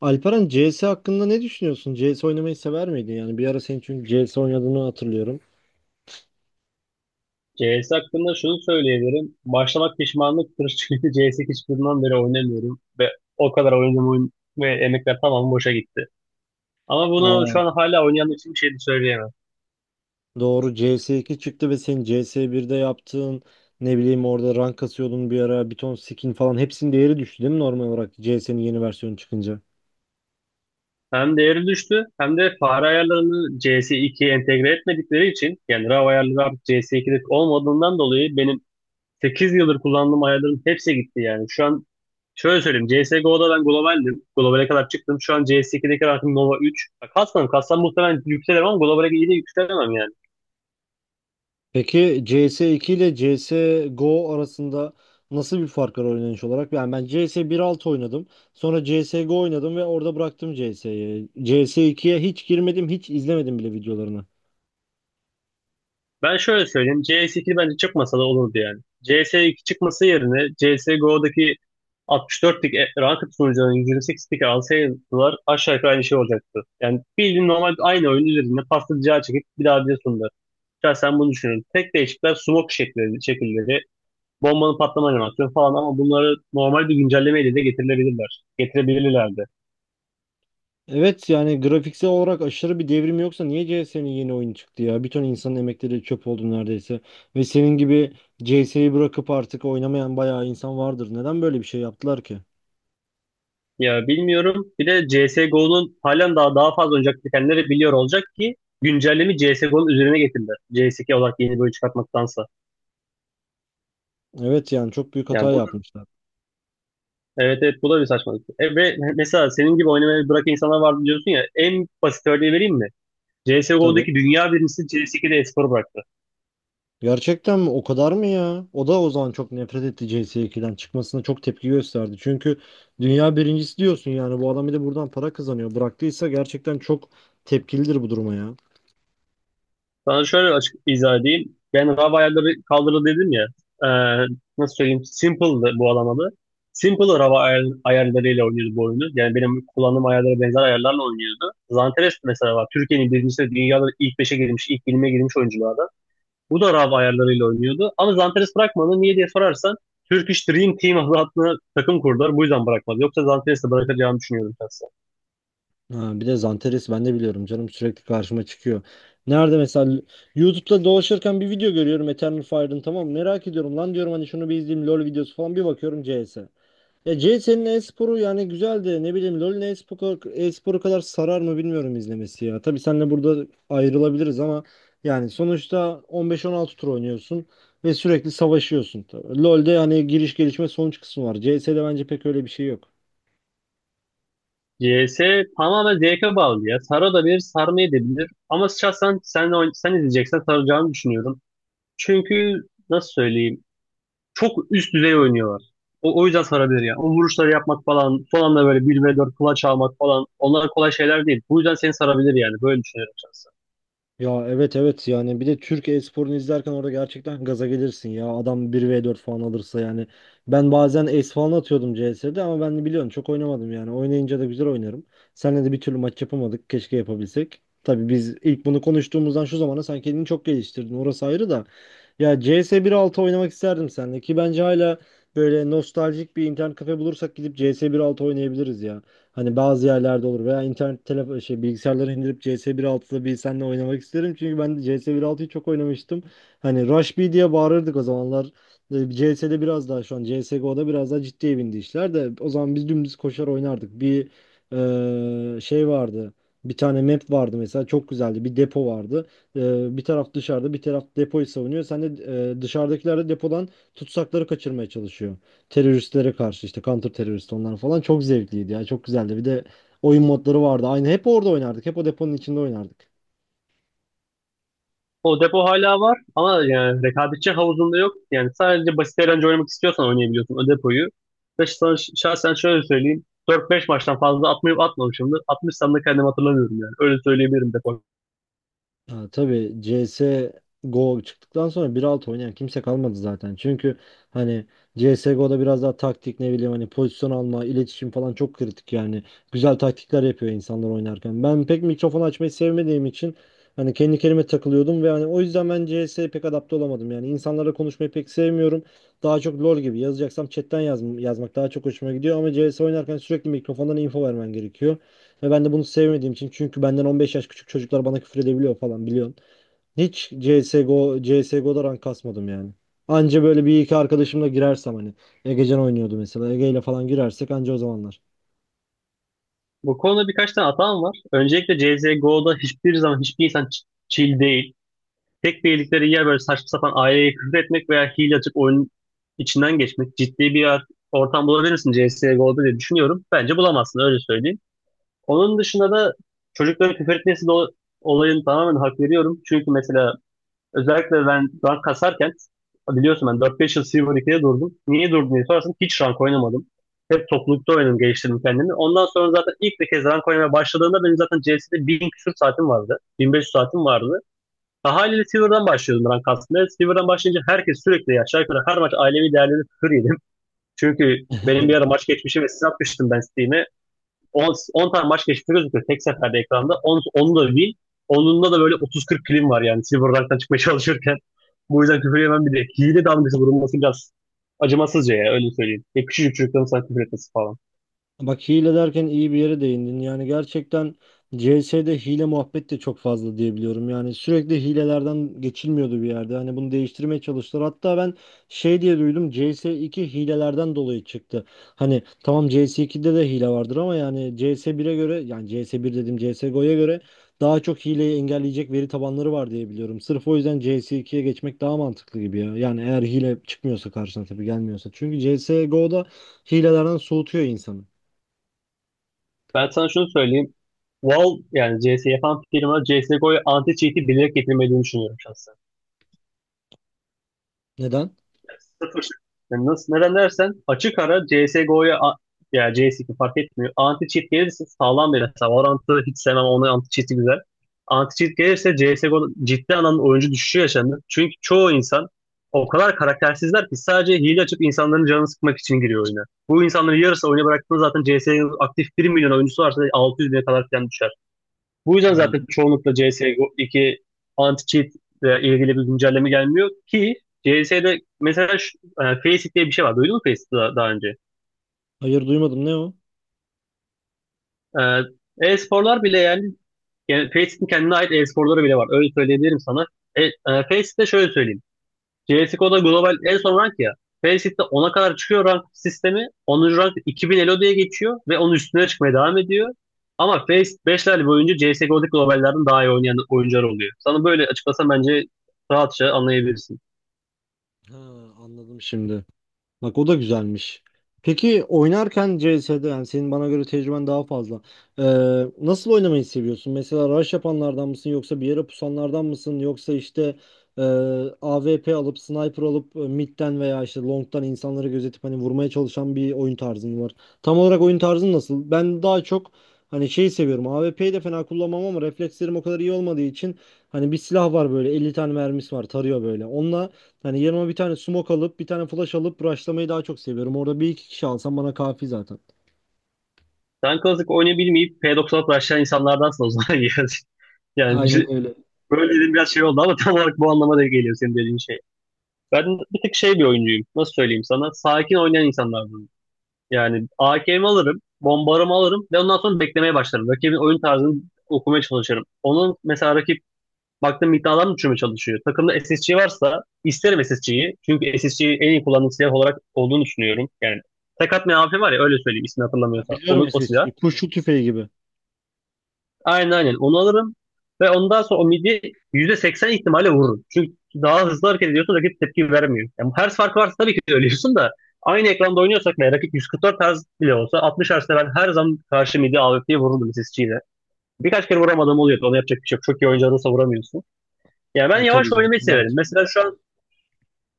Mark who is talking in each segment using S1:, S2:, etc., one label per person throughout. S1: Alperen CS hakkında ne düşünüyorsun? CS oynamayı sever miydin? Yani bir ara senin çünkü CS oynadığını hatırlıyorum.
S2: CS hakkında şunu söyleyebilirim. Başlamak pişmanlıktır çünkü CS hiçbirinden beri oynamıyorum ve o kadar oynadığım oyun ve emekler tamamı boşa gitti. Ama bunu
S1: Aa,
S2: şu an hala oynayan için bir şey de söyleyemem.
S1: doğru CS2 çıktı ve senin CS1'de yaptığın, ne bileyim, orada rank kasıyordun bir ara, bir ton skin falan hepsinin değeri düştü değil mi normal olarak CS'nin yeni versiyonu çıkınca?
S2: Hem değeri düştü hem de fare ayarlarını CS2'ye entegre etmedikleri için yani RAW ayarları artık CS2'de olmadığından dolayı benim 8 yıldır kullandığım ayarların hepsi gitti yani. Şu an şöyle söyleyeyim. CSGO'da ben globaldim. Globale kadar çıktım. Şu an CS2'deki rankım Nova 3. Ya kastan katsam muhtemelen yükselirim ama globale iyi de yükselemem yani.
S1: Peki CS2 ile CSGO arasında nasıl bir fark var oynanış olarak? Yani ben CS altı oynadım. Sonra CSGO oynadım ve orada bıraktım CS'yi. CS2'ye hiç girmedim, hiç izlemedim bile videolarını.
S2: Ben şöyle söyleyeyim. CS2 bence çıkmasa da olurdu yani. CS2 çıkması yerine CSGO'daki 64'lik ranked sunucuların 128'lik alsaydılar aşağı yukarı aynı şey olacaktı. Yani bildiğin normal aynı oyun üzerinde pasta rica çekip bir daha bir sundular. Şahsen bunu düşünüyorum. Tek değişiklikler smoke şekilleri, bombanın patlama animasyonu falan ama bunları normal bir güncellemeyle de getirilebilirler. Getirebilirlerdi.
S1: Evet yani grafiksel olarak aşırı bir devrim yoksa niye CS'nin yeni oyunu çıktı ya? Bir ton insanın emekleri çöp oldu neredeyse. Ve senin gibi CS'yi bırakıp artık oynamayan bayağı insan vardır. Neden böyle bir şey yaptılar ki?
S2: Ya bilmiyorum. Bir de CSGO'nun halen daha fazla oynayacak bitenleri biliyor olacak ki güncellemi CSGO'nun üzerine getirdiler. CS2 olarak yeni bölüm çıkartmaktansa.
S1: Evet yani çok büyük
S2: Yani
S1: hata
S2: bu da,
S1: yapmışlar.
S2: evet evet bu da bir saçmalık. Ve mesela senin gibi oynamayı bırakan insanlar vardı diyorsun ya, en basit örneği vereyim mi?
S1: Tabii.
S2: CSGO'daki dünya birincisi CS2'de espor bıraktı.
S1: Gerçekten mi? O kadar mı ya? O da o zaman çok nefret etti, CS2'den çıkmasına çok tepki gösterdi. Çünkü dünya birincisi diyorsun, yani bu adam bir de buradan para kazanıyor. Bıraktıysa gerçekten çok tepkilidir bu duruma ya.
S2: Sana şöyle açık izah edeyim. Ben Rav ayarları kaldırdı dedim ya. E, Nasıl söyleyeyim? Simple'dı bu alamadı. Simple Rav ayarlarıyla oynuyordu bu oyunu. Yani benim kullandığım ayarlara benzer ayarlarla oynuyordu. Zanteres mesela var. Türkiye'nin birincisi, dünyada ilk beşe girmiş, ilk 20'ye girmiş oyunculardan. Bu da Rav ayarlarıyla oynuyordu. Ama Zanteres bırakmadı. Niye diye sorarsan Turkish Dream Team adlı takım kurdular. Bu yüzden bırakmadı. Yoksa Zanteres'i de bırakacağını düşünüyorum ben.
S1: Ha, bir de Zanteres, ben de biliyorum canım, sürekli karşıma çıkıyor. Nerede mesela YouTube'da dolaşırken bir video görüyorum Eternal Fire'ın, tamam mı? Merak ediyorum, lan diyorum hani, şunu bir izleyeyim, LoL videosu falan, bir bakıyorum CS. Ya CS'nin e-sporu yani güzel de, ne bileyim, LoL'ün e-sporu kadar sarar mı bilmiyorum izlemesi ya. Tabii seninle burada ayrılabiliriz ama yani sonuçta 15-16 tur oynuyorsun ve sürekli savaşıyorsun. Tabii. LoL'de hani giriş, gelişme, sonuç kısmı var. CS'de bence pek öyle bir şey yok.
S2: CS tamamen zevke bağlı ya. Sara da bilir, sarmayı da bilir. Ama şahsen sen, sen izleyeceksen saracağını düşünüyorum. Çünkü nasıl söyleyeyim? Çok üst düzey oynuyorlar. O yüzden sarabilir ya. O vuruşları yapmak falan, son anda böyle 1v4 kulaç almak falan. Onlar kolay şeyler değil. Bu yüzden seni sarabilir yani. Böyle düşünüyorum şahsen.
S1: Ya, evet, evet, yani bir de Türk e-sporunu izlerken orada gerçekten gaza gelirsin ya. Adam bir v 4 falan alırsa yani. Ben bazen ace falan atıyordum CS'de ama ben de biliyorsun çok oynamadım yani. Oynayınca da güzel oynarım. Seninle de bir türlü maç yapamadık. Keşke yapabilsek. Tabii biz ilk bunu konuştuğumuzdan şu zamana sen kendini çok geliştirdin. Orası ayrı da. Ya CS 1.6 oynamak isterdim seninle ki bence hala böyle nostaljik bir internet kafe bulursak gidip CS 1.6 oynayabiliriz ya. Hani bazı yerlerde olur veya internet telefon şey bilgisayarları indirip CS 1.6'da, bir nokta altıda bir seninle oynamak isterim. Çünkü ben CS 1.6'yı çok oynamıştım. Hani Rush B diye bağırırdık o zamanlar. CS'de biraz daha, şu an CSGO'da biraz daha ciddiye bindi işler de o zaman biz dümdüz koşar oynardık. Bir şey vardı. Bir tane map vardı mesela, çok güzeldi. Bir depo vardı. Eee, bir taraf dışarıda, bir taraf depoyu savunuyor. Sen de dışarıdakiler de depodan tutsakları kaçırmaya çalışıyor, teröristlere karşı işte counter terörist, onlar falan, çok zevkliydi ya, çok güzeldi. Bir de oyun modları vardı. Aynı hep orada oynardık. Hep o deponun içinde oynardık.
S2: O depo hala var ama yani rekabetçi havuzunda yok. Yani sadece basit eğlence oynamak istiyorsan oynayabiliyorsun o depoyu. Ve sana şahsen şöyle söyleyeyim. 4-5 maçtan fazla atmayıp atmamışımdır. Atmışsam da kendimi hatırlamıyorum yani. Öyle söyleyebilirim depo.
S1: Ha, tabii CS Go çıktıktan sonra bir alt oynayan kimse kalmadı zaten. Çünkü hani CSGO'da biraz daha taktik, ne bileyim, hani pozisyon alma, iletişim falan çok kritik yani. Güzel taktikler yapıyor insanlar oynarken. Ben pek mikrofon açmayı sevmediğim için hani kendi kendime takılıyordum ve hani o yüzden ben CS'ye pek adapte olamadım. Yani insanlarla konuşmayı pek sevmiyorum. Daha çok LoL gibi yazacaksam chatten yazmak daha çok hoşuma gidiyor ama CS oynarken sürekli mikrofondan info vermen gerekiyor. Ve ben de bunu sevmediğim için, çünkü benden 15 yaş küçük çocuklar bana küfür edebiliyor falan, biliyorsun. Hiç CSGO'da rank kasmadım yani. Anca böyle bir iki arkadaşımla girersem hani. Egecan oynuyordu mesela. Ege ile falan girersek anca, o zamanlar.
S2: Bu konuda birkaç tane hatam var. Öncelikle CSGO'da hiçbir zaman hiçbir insan chill değil. Tek bildikleri yer böyle saçma sapan aileye küfür etmek veya hile açıp oyunun içinden geçmek. Ciddi bir ortam bulabilir misin CSGO'da diye düşünüyorum. Bence bulamazsın, öyle söyleyeyim. Onun dışında da çocuklara küfür etmesi de olayını tamamen hak veriyorum. Çünkü mesela özellikle ben rank kasarken biliyorsun ben 4-5 yıl Silver 2'de durdum. Niye durdum diye sorarsan hiç rank oynamadım. Hep toplulukta oynadım, geliştirdim kendimi. Ondan sonra zaten ilk bir kez rank oynamaya başladığımda benim zaten CS'de 1000 küsur saatim vardı. 1500 saatim vardı. Daha haliyle Silver'dan başlıyordum rank aslında. Silver'dan başlayınca herkes sürekli aşağı yukarı her maç ailevi değerleri küfür yedim. Çünkü benim bir ara maç geçmişi ve siz atmıştım ben Steam'e. 10, 10 tane maç geçmiş gözüküyor tek seferde ekranda. Onu da win. Onunla da böyle 30-40 kilim var yani Silver Rank'tan çıkmaya çalışırken. Bu yüzden küfür yemem bir de. Hile damgası vurulması biraz acımasızca ya, öyle söyleyeyim. Ya küçücük çocukların sana küfür etmesi falan.
S1: Bak, hile derken iyi bir yere değindin. Yani gerçekten CS'de hile muhabbet de çok fazla diyebiliyorum. Yani sürekli hilelerden geçilmiyordu bir yerde. Hani bunu değiştirmeye çalıştılar. Hatta ben şey diye duydum, C S iki hilelerden dolayı çıktı. Hani tamam, C S 2'de de hile vardır ama yani C S 1'e göre, yani C S bir dedim, C S CSGO'ya göre daha çok hileyi engelleyecek veri tabanları var diye biliyorum. Sırf o yüzden C S ikiye geçmek daha mantıklı gibi ya. Yani eğer hile çıkmıyorsa karşına, tabii gelmiyorsa. Çünkü C S CSGO'da hilelerden soğutuyor insanı.
S2: Ben sana şunu söyleyeyim. Valve yani CS yapan firma CSGO'ya anti-cheat'i bilerek getirmediğini düşünüyorum şahsen.
S1: Neden?
S2: Sıfır. Yani nasıl, neden dersen açık ara CSGO'ya ya CS2 fark etmiyor. Anti cheat gelirse sağlam bir hesap. Valorant'ı hiç sevmem. Onun anti cheat'i güzel. Anti cheat gelirse CSGO'da ciddi anlamda oyuncu düşüşü yaşandı. Çünkü çoğu insan o kadar karaktersizler ki sadece hile açıp insanların canını sıkmak için giriyor oyuna. Bu insanların yarısı oyuna bıraktığında zaten CS'nin aktif bir milyon oyuncusu varsa 600 bine kadar falan düşer. Bu yüzden zaten
S1: Aa,
S2: çoğunlukla cs iki anti-cheat ile ilgili bir güncelleme gelmiyor ki. CS'de mesela şu, Faceit diye bir şey var. Duydun mu Faceit'i daha önce?
S1: hayır, duymadım. Ne o?
S2: E, E-sporlar bile yani, yani Faceit'in kendine ait e-sporları bile var. Öyle söyleyebilirim sana. E, e, Faceit'te şöyle söyleyeyim. CSGO'da global en son rank ya. Faceit de 10'a kadar çıkıyor rank sistemi. Onuncu rank 2000 Elo diye geçiyor ve onun üstüne çıkmaya devam ediyor. Ama Faceit beşler boyunca CSGO'daki globallerden daha iyi oynayan oyuncular oluyor. Sana böyle açıklasam bence rahatça anlayabilirsin.
S1: Ha, anladım şimdi. Bak, o da güzelmiş. Peki oynarken CS'de, yani senin bana göre tecrüben daha fazla. Ee, Nasıl oynamayı seviyorsun? Mesela rush yapanlardan mısın yoksa bir yere pusanlardan mısın yoksa işte e, AWP alıp, sniper alıp midden veya işte longdan insanları gözetip hani vurmaya çalışan bir oyun tarzın var. Tam olarak oyun tarzın nasıl? Ben daha çok hani şeyi seviyorum. AWP'yi de fena kullanmam ama reflekslerim o kadar iyi olmadığı için hani bir silah var böyle, 50 tane mermisi var, tarıyor böyle. Onunla. Hani yanıma bir tane smoke alıp bir tane flash alıp rushlamayı daha çok seviyorum. Orada bir iki kişi alsam bana kafi zaten.
S2: Sen Classic oynayabilmeyip P96 başlayan insanlardansın o zaman. Yani bir-
S1: Aynen
S2: şey-
S1: öyle.
S2: Böyle dediğim biraz şey oldu ama tam olarak bu anlama da geliyor senin dediğin şey. Ben bir tek şey bir oyuncuyum. Nasıl söyleyeyim sana? Sakin oynayan insanlardan. Yani AK'mi alırım, bombarımı alırım ve ondan sonra beklemeye başlarım. Rakibin oyun tarzını okumaya çalışırım. Onun mesela rakip baktığım iddialar mı düşürmeye çalışıyor? Takımda SSC varsa isterim SSC'yi. Çünkü SSC'yi en iyi kullandığım silah olarak olduğunu düşünüyorum. Yani tek atmayan AP var ya, öyle söyleyeyim ismini
S1: Ha,
S2: hatırlamıyorsam.
S1: biliyorum
S2: Onu, o
S1: işte
S2: silah.
S1: şey, kurşun tüfeği gibi.
S2: Aynen aynen onu alırım ve ondan sonra o midi %80 ihtimalle vururum. Çünkü daha hızlı hareket ediyorsun, rakip tepki vermiyor. Yani hertz farkı varsa tabii ki de ölüyorsun da aynı ekranda oynuyorsak ve rakip 144 Hz bile olsa 60 Hz'de ben her zaman karşı midi AWP'ye vururdum sesçiyle. Birkaç kere vuramadığım oluyordu. Onu yapacak bir şey yok. Çok iyi oyuncu vuramıyorsun. Yani ben
S1: Tabii
S2: yavaş
S1: canım.
S2: oynamayı
S1: İlla
S2: severim.
S1: ki.
S2: Mesela şu an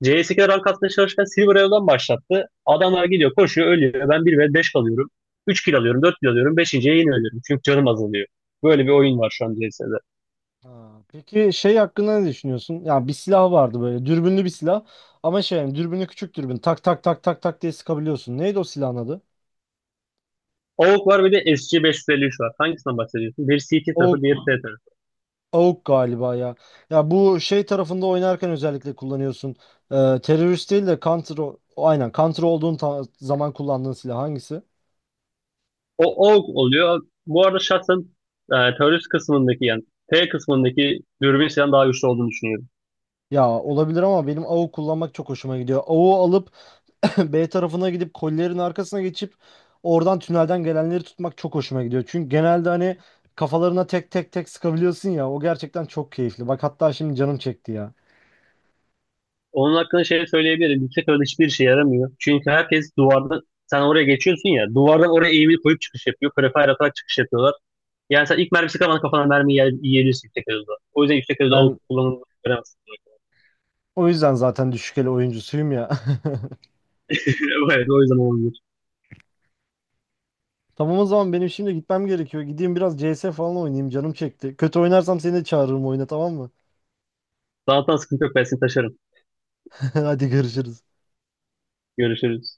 S2: CS2'de rank atmaya çalışırken Silver Elo'dan başlattı. Adamlar gidiyor, koşuyor, ölüyor. Ben bir ve 5 kalıyorum. 3 kill alıyorum, 4 kill alıyorum, 5. yine ölüyorum. Çünkü canım azalıyor. Böyle bir oyun var şu an CS'de.
S1: Ha, peki şey hakkında ne düşünüyorsun? Ya bir silah vardı, böyle dürbünlü bir silah ama şey yani dürbünü küçük, dürbün tak tak tak tak tak diye sıkabiliyorsun. Neydi o silahın adı?
S2: AUG var, bir de SG553 var. Hangisinden bahsediyorsun? Biri CT tarafı,
S1: AUK,
S2: diğer T tarafı.
S1: AUK galiba ya. Ya bu şey tarafında oynarken özellikle kullanıyorsun. Terörist değil de counter aynen counter olduğun zaman kullandığın silah hangisi?
S2: O AUG oluyor. Bu arada şahsen terörist kısmındaki yani T kısmındaki dürbün silahın daha güçlü olduğunu düşünüyorum.
S1: Ya olabilir ama benim AWP kullanmak çok hoşuma gidiyor. AWP alıp B tarafına gidip kollerin arkasına geçip oradan tünelden gelenleri tutmak çok hoşuma gidiyor. Çünkü genelde hani kafalarına tek tek tek sıkabiliyorsun ya. O gerçekten çok keyifli. Bak hatta şimdi canım çekti ya.
S2: Onun hakkında şey söyleyebilirim. Yüksek orada hiçbir şey yaramıyor. Çünkü herkes duvardan sen oraya geçiyorsun ya, duvardan oraya eğimi koyup çıkış yapıyor. Prefire atarak çıkış yapıyorlar. Yani sen ilk mermisi kalmadan kafana mermi yiyebilirsin yüksek hızda. O yüzden yüksek hızda AUG
S1: Ben
S2: kullanılmaz.
S1: o yüzden zaten düşük el oyuncusuyum ya.
S2: Evet, o yüzden olabilir.
S1: Tamam, o zaman benim şimdi gitmem gerekiyor. Gideyim biraz CS falan oynayayım, canım çekti. Kötü oynarsam seni de çağırırım oyuna, tamam mı?
S2: Zaten sıkıntı yok. Ben seni taşırım.
S1: Hadi, görüşürüz.
S2: Görüşürüz.